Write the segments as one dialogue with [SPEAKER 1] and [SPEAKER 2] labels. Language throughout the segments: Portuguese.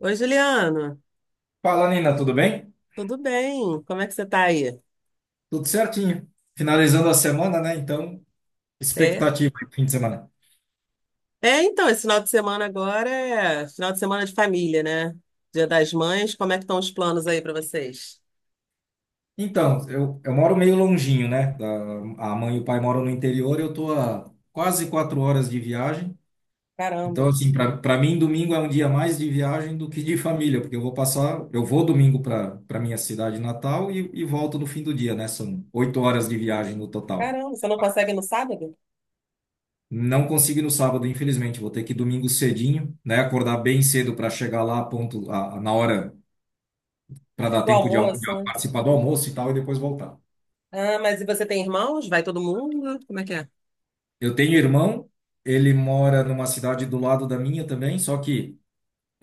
[SPEAKER 1] Oi, Juliano.
[SPEAKER 2] Fala, Nina, tudo bem?
[SPEAKER 1] Tudo bem? Como é que você tá aí?
[SPEAKER 2] Tudo certinho. Finalizando a semana, né? Então,
[SPEAKER 1] É?
[SPEAKER 2] expectativa aí pro fim de semana.
[SPEAKER 1] É, então, esse final de semana agora é final de semana de família, né? Dia das Mães. Como é que estão os planos aí pra vocês?
[SPEAKER 2] Então, eu moro meio longinho, né? A mãe e o pai moram no interior, eu tô a quase 4 horas de viagem. Então,
[SPEAKER 1] Caramba.
[SPEAKER 2] assim, para mim, domingo é um dia mais de viagem do que de família, porque eu vou domingo para minha cidade natal e volto no fim do dia, né? São 8 horas de viagem no total.
[SPEAKER 1] Caramba, você não consegue no sábado?
[SPEAKER 2] Não consigo ir no sábado, infelizmente. Vou ter que ir domingo cedinho, né? Acordar bem cedo para chegar lá ponto, na hora, para dar
[SPEAKER 1] Do
[SPEAKER 2] tempo de, de
[SPEAKER 1] almoço, né?
[SPEAKER 2] participar do almoço e tal, e depois voltar.
[SPEAKER 1] Ah, mas e você tem irmãos? Vai todo mundo? Como é que é?
[SPEAKER 2] Eu tenho irmão, ele mora numa cidade do lado da minha também, só que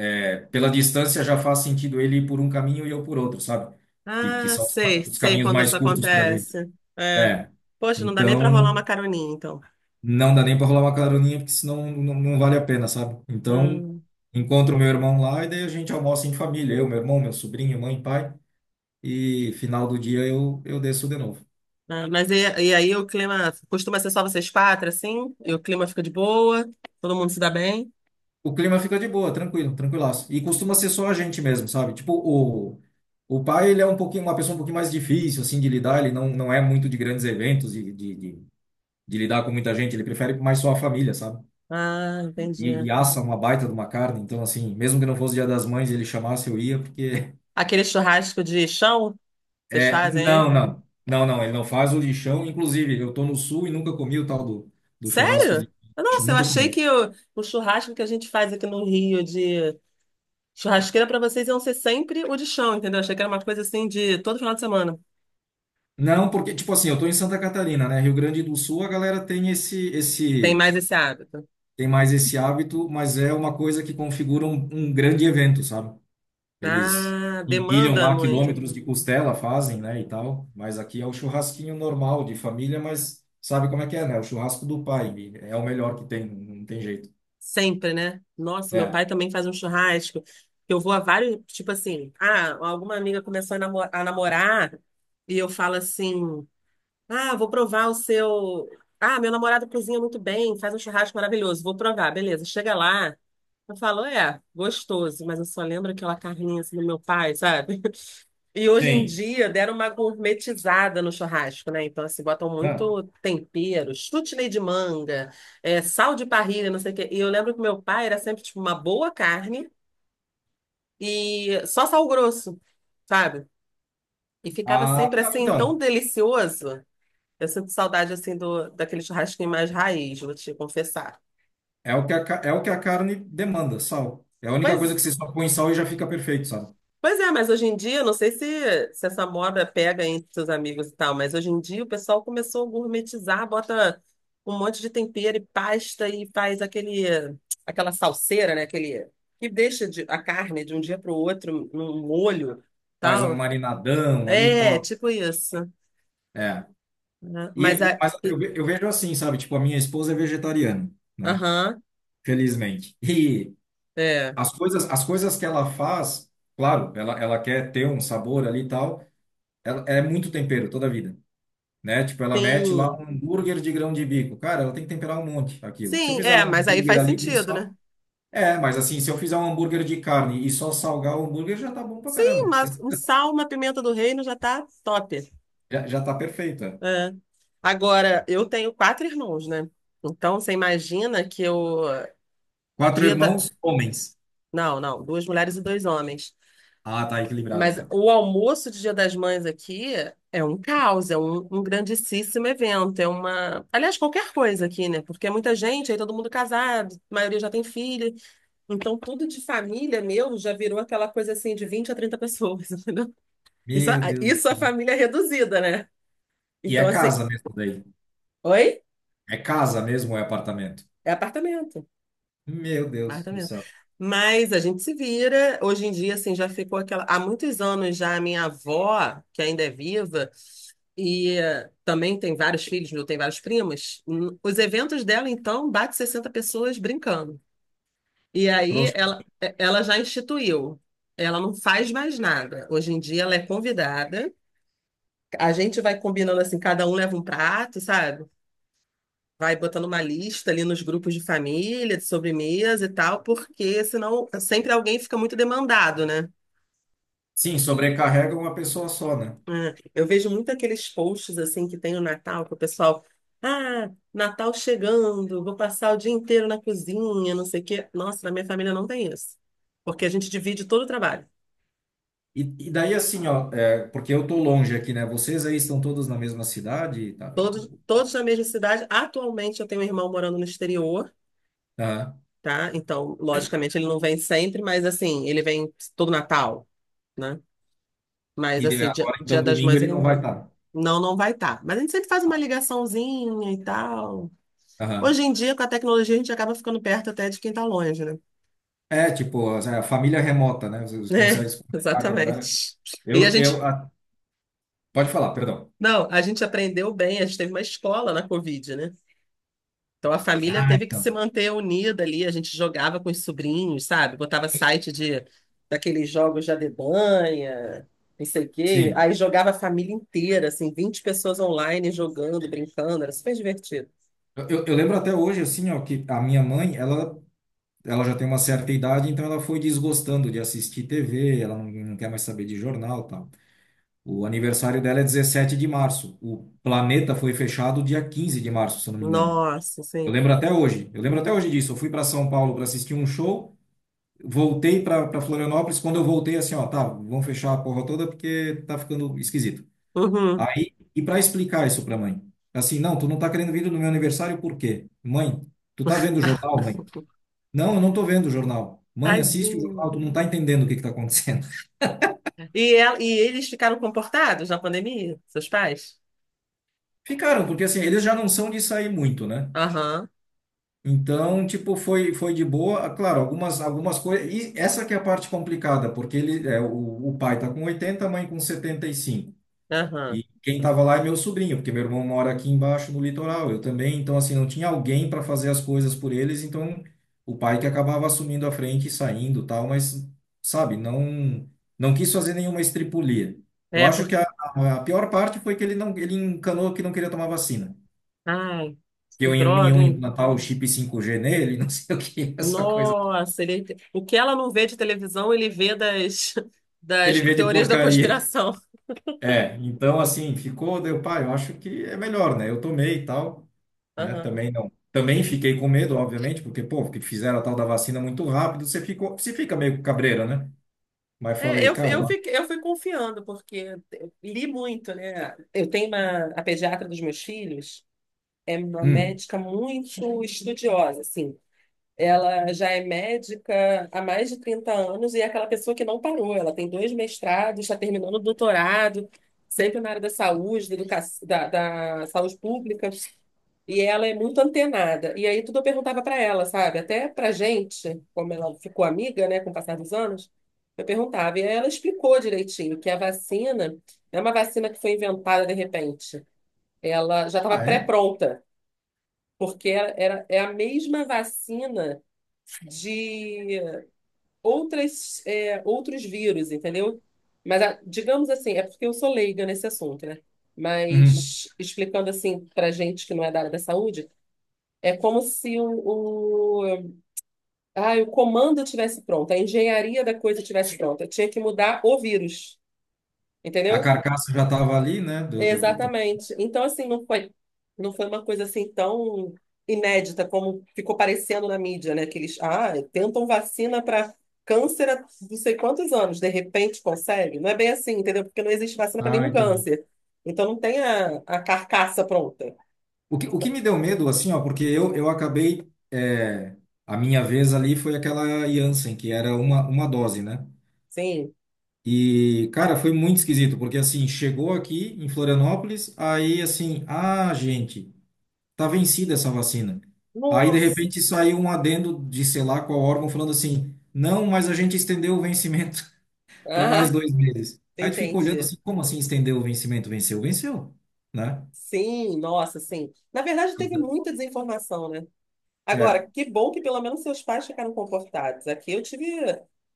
[SPEAKER 2] pela distância já faz sentido ele ir por um caminho e eu por outro, sabe? Que
[SPEAKER 1] Ah,
[SPEAKER 2] são os,
[SPEAKER 1] sei,
[SPEAKER 2] ca- os
[SPEAKER 1] sei
[SPEAKER 2] caminhos
[SPEAKER 1] quando
[SPEAKER 2] mais
[SPEAKER 1] isso
[SPEAKER 2] curtos para gente.
[SPEAKER 1] acontece. É.
[SPEAKER 2] É.
[SPEAKER 1] Poxa, não dá nem pra rolar uma
[SPEAKER 2] Então,
[SPEAKER 1] caroninha, então.
[SPEAKER 2] não dá nem para rolar uma caroninha, porque senão não vale a pena, sabe? Então,
[SPEAKER 1] Ah.
[SPEAKER 2] encontro meu irmão lá e daí a gente almoça em família, eu, meu irmão, meu sobrinho, mãe, pai, e final do dia eu desço de novo.
[SPEAKER 1] Ah, mas e aí o clima costuma ser só vocês quatro, assim? E o clima fica de boa? Todo mundo se dá bem?
[SPEAKER 2] O clima fica de boa, tranquilo, tranquilaço. E costuma ser só a gente mesmo, sabe? Tipo, o pai, ele é um pouquinho, uma pessoa um pouquinho mais difícil, assim, de lidar, ele não é muito de grandes eventos, de lidar com muita gente, ele prefere mais só a família, sabe?
[SPEAKER 1] Ah,
[SPEAKER 2] E
[SPEAKER 1] entendi.
[SPEAKER 2] assa uma baita de uma carne, então, assim, mesmo que não fosse Dia das Mães, ele chamasse, eu ia, porque
[SPEAKER 1] Aquele churrasco de chão, que vocês
[SPEAKER 2] é,
[SPEAKER 1] fazem
[SPEAKER 2] não,
[SPEAKER 1] aí?
[SPEAKER 2] não. Não, não, ele não faz o lixão. Inclusive, eu tô no sul e nunca comi o tal do churrasco
[SPEAKER 1] Sério?
[SPEAKER 2] de lixo,
[SPEAKER 1] Nossa, eu
[SPEAKER 2] nunca
[SPEAKER 1] achei
[SPEAKER 2] comi.
[SPEAKER 1] que o churrasco que a gente faz aqui no Rio de churrasqueira para vocês iam ser sempre o de chão, entendeu? Achei que era uma coisa assim de todo final de semana.
[SPEAKER 2] Não, porque, tipo assim, eu tô em Santa Catarina, né? Rio Grande do Sul, a galera tem
[SPEAKER 1] Tem mais esse hábito.
[SPEAKER 2] tem mais esse hábito, mas é uma coisa que configura um grande evento, sabe? Eles
[SPEAKER 1] Ah,
[SPEAKER 2] empilham
[SPEAKER 1] demanda
[SPEAKER 2] lá
[SPEAKER 1] muito.
[SPEAKER 2] quilômetros de costela, fazem, né, e tal. Mas aqui é o churrasquinho normal de família, mas sabe como é que é, né? O churrasco do pai. É o melhor que tem, não tem jeito.
[SPEAKER 1] Sempre, né? Nossa, meu
[SPEAKER 2] É.
[SPEAKER 1] pai também faz um churrasco. Eu vou a vários, tipo assim, ah, alguma amiga começou a namorar e eu falo assim: "Ah, vou provar o seu, ah, meu namorado cozinha muito bem, faz um churrasco maravilhoso. Vou provar, beleza." Chega lá, eu falo, é, gostoso, mas eu só lembro aquela carninha assim do meu pai, sabe? E hoje em
[SPEAKER 2] Sim.
[SPEAKER 1] dia deram uma gourmetizada no churrasco, né? Então, assim, botam muito tempero, chutney de manga, é, sal de parrilha, não sei o quê. E eu lembro que meu pai era sempre, tipo, uma boa carne e só sal grosso, sabe? E ficava
[SPEAKER 2] Ah,
[SPEAKER 1] sempre,
[SPEAKER 2] não,
[SPEAKER 1] assim, tão
[SPEAKER 2] então,
[SPEAKER 1] delicioso. Eu sinto saudade, assim, daquele churrasquinho mais raiz, vou te confessar.
[SPEAKER 2] é o que a, ca- é o que a carne demanda, sal. É a única coisa
[SPEAKER 1] Pois
[SPEAKER 2] que você só põe sal e já fica perfeito, sabe?
[SPEAKER 1] Pois é, mas hoje em dia, eu não sei se essa moda pega entre seus amigos e tal, mas hoje em dia o pessoal começou a gourmetizar, bota um monte de tempero e pasta e faz aquela salseira, né? Aquele, que deixa a carne de um dia para o outro num molho,
[SPEAKER 2] Faz um
[SPEAKER 1] tal.
[SPEAKER 2] marinadão ali e
[SPEAKER 1] É,
[SPEAKER 2] tal.
[SPEAKER 1] tipo isso,
[SPEAKER 2] É.
[SPEAKER 1] né? Mas
[SPEAKER 2] Mas eu, ve- eu vejo assim, sabe? Tipo, a minha esposa é vegetariana, né?
[SPEAKER 1] aham,
[SPEAKER 2] Felizmente. E
[SPEAKER 1] é,
[SPEAKER 2] as coisas que ela faz, claro, ela quer ter um sabor ali e tal, ela, é muito tempero toda a vida. Né? Tipo, ela mete lá
[SPEAKER 1] sim,
[SPEAKER 2] um hambúrguer de grão de bico. Cara, ela tem que temperar um monte aquilo. Se eu
[SPEAKER 1] sim,
[SPEAKER 2] fizer
[SPEAKER 1] é,
[SPEAKER 2] um
[SPEAKER 1] mas aí
[SPEAKER 2] hambúrguer
[SPEAKER 1] faz
[SPEAKER 2] ali com
[SPEAKER 1] sentido,
[SPEAKER 2] sal,
[SPEAKER 1] né?
[SPEAKER 2] é, mas assim, se eu fizer um hambúrguer de carne e só salgar o hambúrguer, já tá bom pra
[SPEAKER 1] Sim,
[SPEAKER 2] caramba.
[SPEAKER 1] mas um sal, uma pimenta do reino já tá top.
[SPEAKER 2] Já tá perfeito. É.
[SPEAKER 1] É. Agora, eu tenho quatro irmãos, né? Então, você imagina que eu.
[SPEAKER 2] Quatro
[SPEAKER 1] Dia da.
[SPEAKER 2] irmãos, homens.
[SPEAKER 1] Não, não, duas mulheres e dois homens.
[SPEAKER 2] Ah, tá equilibrado,
[SPEAKER 1] Mas
[SPEAKER 2] então.
[SPEAKER 1] o almoço de Dia das Mães aqui é um caos, é um grandíssimo evento. É uma. Aliás, qualquer coisa aqui, né? Porque é muita gente, aí todo mundo casado, a maioria já tem filho. Então, tudo de família meu já virou aquela coisa assim de 20 a 30 pessoas, entendeu? Isso,
[SPEAKER 2] Meu Deus do
[SPEAKER 1] isso a
[SPEAKER 2] céu.
[SPEAKER 1] família é reduzida, né?
[SPEAKER 2] E é
[SPEAKER 1] Então, assim.
[SPEAKER 2] casa mesmo daí.
[SPEAKER 1] Oi?
[SPEAKER 2] É casa mesmo ou é apartamento?
[SPEAKER 1] É apartamento.
[SPEAKER 2] Meu Deus
[SPEAKER 1] Marta
[SPEAKER 2] do
[SPEAKER 1] mesmo.
[SPEAKER 2] céu.
[SPEAKER 1] Mas a gente se vira. Hoje em dia, assim, já ficou aquela. Há muitos anos já a minha avó, que ainda é viva, e também tem vários filhos, eu tenho vários primos. Os eventos dela, então, bate 60 pessoas brincando. E aí
[SPEAKER 2] Proxa.
[SPEAKER 1] ela já instituiu. Ela não faz mais nada. Hoje em dia ela é convidada. A gente vai combinando assim, cada um leva um prato, sabe? Vai botando uma lista ali nos grupos de família, de sobremesa e tal, porque senão sempre alguém fica muito demandado, né?
[SPEAKER 2] Sim, sobrecarrega uma pessoa só, né?
[SPEAKER 1] É, eu vejo muito aqueles posts assim que tem no Natal, que o pessoal, ah, Natal chegando, vou passar o dia inteiro na cozinha, não sei o quê. Nossa, na minha família não tem isso, porque a gente divide todo o trabalho.
[SPEAKER 2] E daí assim, ó, porque eu tô longe aqui, né? Vocês aí estão todos na mesma cidade, tá?
[SPEAKER 1] Todos, todos na mesma cidade. Atualmente eu tenho um irmão morando no exterior,
[SPEAKER 2] Aham.
[SPEAKER 1] tá? Então, logicamente, ele não vem sempre, mas assim, ele vem todo Natal, né? Mas assim,
[SPEAKER 2] Agora,
[SPEAKER 1] Dia
[SPEAKER 2] então,
[SPEAKER 1] das
[SPEAKER 2] domingo
[SPEAKER 1] Mães
[SPEAKER 2] ele
[SPEAKER 1] ele
[SPEAKER 2] não
[SPEAKER 1] não vai.
[SPEAKER 2] vai estar.
[SPEAKER 1] Não, não vai estar. Mas a gente sempre faz uma ligaçãozinha e tal. Hoje em dia, com a tecnologia, a gente acaba ficando perto até de quem está longe, né?
[SPEAKER 2] É, tipo, é a família remota, né?
[SPEAKER 1] É,
[SPEAKER 2] Você consegue se comunicar com a galera.
[SPEAKER 1] exatamente. E a
[SPEAKER 2] Eu,
[SPEAKER 1] gente,
[SPEAKER 2] eu, a- Pode falar, perdão.
[SPEAKER 1] não, a gente aprendeu bem, a gente teve uma escola na Covid, né? Então a família
[SPEAKER 2] Ah,
[SPEAKER 1] teve que se
[SPEAKER 2] então.
[SPEAKER 1] manter unida ali, a gente jogava com os sobrinhos, sabe? Botava site de daqueles jogos de adedanha, não sei o quê.
[SPEAKER 2] Sim.
[SPEAKER 1] Aí jogava a família inteira, assim, 20 pessoas online jogando, brincando, era super divertido.
[SPEAKER 2] Eu lembro até hoje, assim, ó, que a minha mãe, ela já tem uma certa idade, então ela foi desgostando de assistir TV, ela não quer mais saber de jornal, e tal. O aniversário dela é 17 de março. O planeta foi fechado dia 15 de março, se eu não me engano.
[SPEAKER 1] Nossa,
[SPEAKER 2] Eu
[SPEAKER 1] sim.
[SPEAKER 2] lembro até hoje. Eu lembro até hoje disso. Eu fui para São Paulo para assistir um show. Voltei para Florianópolis. Quando eu voltei, assim, ó, tá, vamos fechar a porra toda porque tá ficando esquisito.
[SPEAKER 1] Uhum.
[SPEAKER 2] Aí, e para explicar isso para mãe? Assim, não, tu não tá querendo vir no meu aniversário por quê? Mãe, tu tá vendo o jornal, mãe? Não, eu não tô vendo o jornal. Mãe, assiste o
[SPEAKER 1] Tadinho.
[SPEAKER 2] jornal, tu não tá entendendo o que que tá acontecendo.
[SPEAKER 1] E, e eles ficaram comportados na pandemia, seus pais?
[SPEAKER 2] Ficaram, porque assim, eles já não são de sair muito, né?
[SPEAKER 1] Aham,
[SPEAKER 2] Então, tipo, foi de boa. Ah, claro, algumas coisas. E essa que é a parte complicada, porque o pai tá com 80, a mãe com 75.
[SPEAKER 1] aham.
[SPEAKER 2] E quem estava lá é meu sobrinho, porque meu irmão mora aqui embaixo no litoral, eu também. Então, assim, não tinha alguém para fazer as coisas por eles, então o pai que acabava assumindo a frente e saindo, tal, mas, sabe, não não quis fazer nenhuma estripulia. Eu
[SPEAKER 1] É,
[SPEAKER 2] acho
[SPEAKER 1] porque.
[SPEAKER 2] que a pior parte foi que ele não ele encanou que não queria tomar vacina.
[SPEAKER 1] Ai,
[SPEAKER 2] Que
[SPEAKER 1] que
[SPEAKER 2] eu
[SPEAKER 1] droga,
[SPEAKER 2] iam
[SPEAKER 1] hein?
[SPEAKER 2] implantar o chip 5G nele, não sei o que, essa coisa.
[SPEAKER 1] Nossa, ele... o que ela não vê de televisão, ele vê das, das
[SPEAKER 2] Ele vê de
[SPEAKER 1] teorias da
[SPEAKER 2] porcaria.
[SPEAKER 1] conspiração.
[SPEAKER 2] É, então assim, ficou, deu, pai, eu acho que é melhor, né? Eu tomei e tal. Né?
[SPEAKER 1] Aham.
[SPEAKER 2] Também não. Também fiquei com medo, obviamente, porque, pô, que fizeram a tal da vacina muito rápido, você fica meio cabreira, né? Mas
[SPEAKER 1] É,
[SPEAKER 2] falei, cara,
[SPEAKER 1] fiquei, eu fui confiando, porque eu li muito, né? Eu tenho uma, a pediatra dos meus filhos, é uma
[SPEAKER 2] hum,
[SPEAKER 1] médica muito estudiosa, assim. Ela já é médica há mais de 30 anos e é aquela pessoa que não parou. Ela tem dois mestrados, está terminando o doutorado, sempre na área da saúde, da saúde pública. E ela é muito antenada. E aí tudo eu perguntava para ela, sabe? Até para gente, como ela ficou amiga, né, com o passar dos anos, eu perguntava. E aí ela explicou direitinho que a vacina não é uma vacina que foi inventada de repente. Ela já estava
[SPEAKER 2] ah, é?
[SPEAKER 1] pré-pronta, porque é a mesma vacina de outros vírus, entendeu? Mas, digamos assim, é porque eu sou leiga nesse assunto, né?
[SPEAKER 2] Uhum.
[SPEAKER 1] Mas, explicando assim para gente que não é da área da saúde, é como se ah, o comando tivesse pronto, a engenharia da coisa tivesse pronta. Eu tinha que mudar o vírus,
[SPEAKER 2] A
[SPEAKER 1] entendeu?
[SPEAKER 2] carcaça já tava ali, né?
[SPEAKER 1] Exatamente. Então, assim, não foi uma coisa assim tão inédita como ficou parecendo na mídia, né? Que eles, ah, tentam vacina para câncer há não sei quantos anos, de repente consegue. Não é bem assim, entendeu? Porque não existe vacina para
[SPEAKER 2] Ah,
[SPEAKER 1] nenhum
[SPEAKER 2] entendi.
[SPEAKER 1] câncer. Então, não tem a carcaça pronta.
[SPEAKER 2] O que me deu medo, assim, ó, porque eu acabei, a minha vez ali foi aquela Janssen, que era uma dose, né?
[SPEAKER 1] Sim.
[SPEAKER 2] E, cara, foi muito esquisito, porque, assim, chegou aqui em Florianópolis, aí, assim, ah, gente, tá vencida essa vacina. Aí, de
[SPEAKER 1] Nossa.
[SPEAKER 2] repente, saiu um adendo de sei lá qual órgão falando assim: não, mas a gente estendeu o vencimento para mais
[SPEAKER 1] Ah,
[SPEAKER 2] 2 meses. Aí tu fica olhando
[SPEAKER 1] entendi.
[SPEAKER 2] assim: como assim estendeu o vencimento? Venceu, venceu, né?
[SPEAKER 1] Sim, nossa, sim. Na verdade,
[SPEAKER 2] E
[SPEAKER 1] teve
[SPEAKER 2] da-
[SPEAKER 1] muita desinformação, né?
[SPEAKER 2] é,
[SPEAKER 1] Agora, que bom que pelo menos seus pais ficaram comportados. Aqui eu tive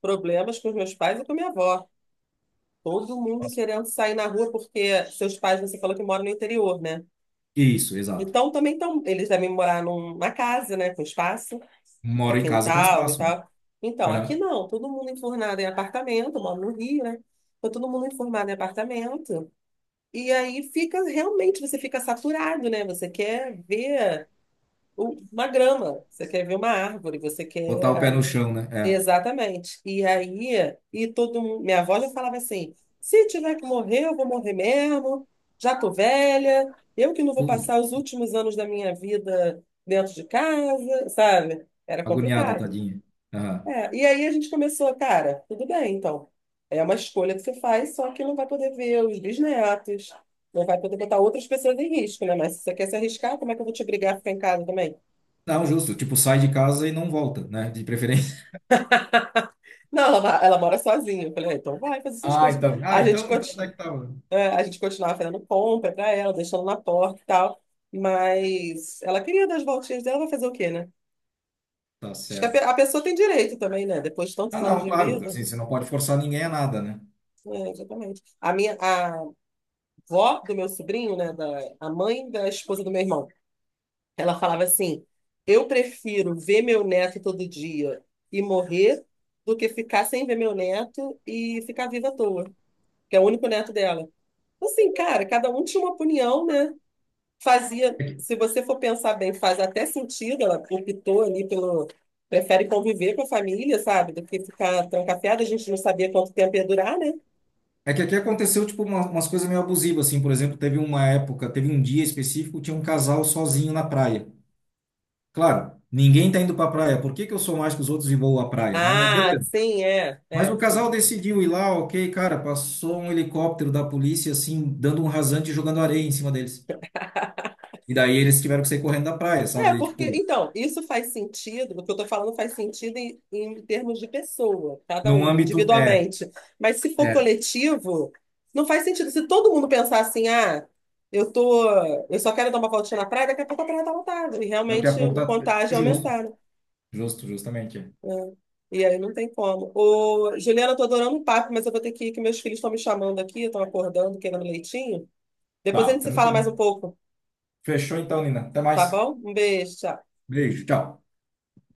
[SPEAKER 1] problemas com os meus pais e com minha avó. Todo mundo querendo sair na rua porque seus pais, você falou que moram no interior, né?
[SPEAKER 2] isso, exato.
[SPEAKER 1] Então também estão, eles devem morar numa casa, né, com espaço de
[SPEAKER 2] Moro em casa com
[SPEAKER 1] quintal e
[SPEAKER 2] espaço.
[SPEAKER 1] tal. Então,
[SPEAKER 2] Né?
[SPEAKER 1] aqui
[SPEAKER 2] Aham.
[SPEAKER 1] não, todo mundo enfurnado em apartamento, eu moro no Rio, né? Então, todo mundo enfurnado em apartamento. E aí fica, realmente, você fica saturado, né? Você quer ver uma grama, você quer ver uma árvore, você
[SPEAKER 2] Botar o pé
[SPEAKER 1] quer.
[SPEAKER 2] no chão, né? É.
[SPEAKER 1] Exatamente. E aí, e todo mundo, minha avó já falava assim: "Se tiver que morrer, eu vou morrer mesmo, já tô velha, eu que não vou
[SPEAKER 2] Puh,
[SPEAKER 1] passar os últimos anos da minha vida dentro de casa", sabe? Era
[SPEAKER 2] agoniada,
[SPEAKER 1] complicado.
[SPEAKER 2] tadinha. Aham.
[SPEAKER 1] É, e aí a gente começou, cara, tudo bem, então. É uma escolha que você faz, só que não vai poder ver os bisnetos, não vai poder botar outras pessoas em risco, né? Mas se você quer se arriscar, como é que eu vou te obrigar a ficar em casa também?
[SPEAKER 2] Não, justo. Tipo, sai de casa e não volta, né? De preferência.
[SPEAKER 1] Não, ela mora sozinha. Eu falei, ah, então vai fazer suas
[SPEAKER 2] Ah,
[SPEAKER 1] coisas.
[SPEAKER 2] então. Ah,
[SPEAKER 1] A gente
[SPEAKER 2] então até que tá.
[SPEAKER 1] É, a gente continuava fazendo compra pra ela, deixando na porta e tal. Mas ela queria dar as voltinhas dela, vai fazer o quê, né?
[SPEAKER 2] Tá
[SPEAKER 1] Acho que
[SPEAKER 2] certo.
[SPEAKER 1] a pessoa tem direito também, né? Depois de
[SPEAKER 2] Ah,
[SPEAKER 1] tantos anos
[SPEAKER 2] não,
[SPEAKER 1] de
[SPEAKER 2] claro,
[SPEAKER 1] vida.
[SPEAKER 2] assim, você não pode forçar ninguém a nada, né?
[SPEAKER 1] É, exatamente. A vó do meu sobrinho, né? A mãe da esposa do meu irmão, ela falava assim: "Eu prefiro ver meu neto todo dia e morrer do que ficar sem ver meu neto e ficar viva à toa", que é o único neto dela. Assim, cara, cada um tinha uma opinião, né? Fazia,
[SPEAKER 2] É que,
[SPEAKER 1] se você for pensar bem, faz até sentido, ela optou ali pelo, prefere conviver com a família, sabe, do que ficar trancafiada, a gente não sabia quanto tempo ia durar, né?
[SPEAKER 2] é que aqui aconteceu, tipo, umas coisas meio abusivas, assim, por exemplo, teve uma época, teve um dia específico, tinha um casal sozinho na praia. Claro, ninguém tá indo pra praia, por que que eu sou mais que os outros e vou à praia, né? Mas
[SPEAKER 1] Ah,
[SPEAKER 2] beleza.
[SPEAKER 1] sim, é,
[SPEAKER 2] Mas o
[SPEAKER 1] é,
[SPEAKER 2] casal
[SPEAKER 1] sim.
[SPEAKER 2] decidiu ir lá, ok, cara, passou um helicóptero da polícia, assim, dando um rasante e jogando areia em cima deles. E daí eles tiveram que sair correndo da praia,
[SPEAKER 1] É,
[SPEAKER 2] sabe? E,
[SPEAKER 1] porque,
[SPEAKER 2] tipo,
[SPEAKER 1] então, isso faz sentido, o que eu tô falando faz sentido em termos de pessoa, cada
[SPEAKER 2] num
[SPEAKER 1] um,
[SPEAKER 2] âmbito,
[SPEAKER 1] individualmente. Mas se for
[SPEAKER 2] é,
[SPEAKER 1] coletivo, não faz sentido. Se todo mundo pensar assim, ah, eu tô, eu só quero dar uma voltinha na praia, daqui a pouco a praia tá lotada, e
[SPEAKER 2] daqui a
[SPEAKER 1] realmente
[SPEAKER 2] pouco
[SPEAKER 1] o
[SPEAKER 2] tá
[SPEAKER 1] contágio
[SPEAKER 2] justo,
[SPEAKER 1] aumentar, né?
[SPEAKER 2] justo, justamente. É.
[SPEAKER 1] É. E aí não tem como. Ô, Juliana, eu tô adorando o papo, mas eu vou ter que ir, que meus filhos estão me chamando aqui, estão acordando, querendo um leitinho. Depois a
[SPEAKER 2] Tá,
[SPEAKER 1] gente se fala mais
[SPEAKER 2] tranquilo.
[SPEAKER 1] um pouco,
[SPEAKER 2] Fechou então, Nina. Até
[SPEAKER 1] tá
[SPEAKER 2] mais.
[SPEAKER 1] bom? Um beijo, tchau.
[SPEAKER 2] Beijo. Tchau.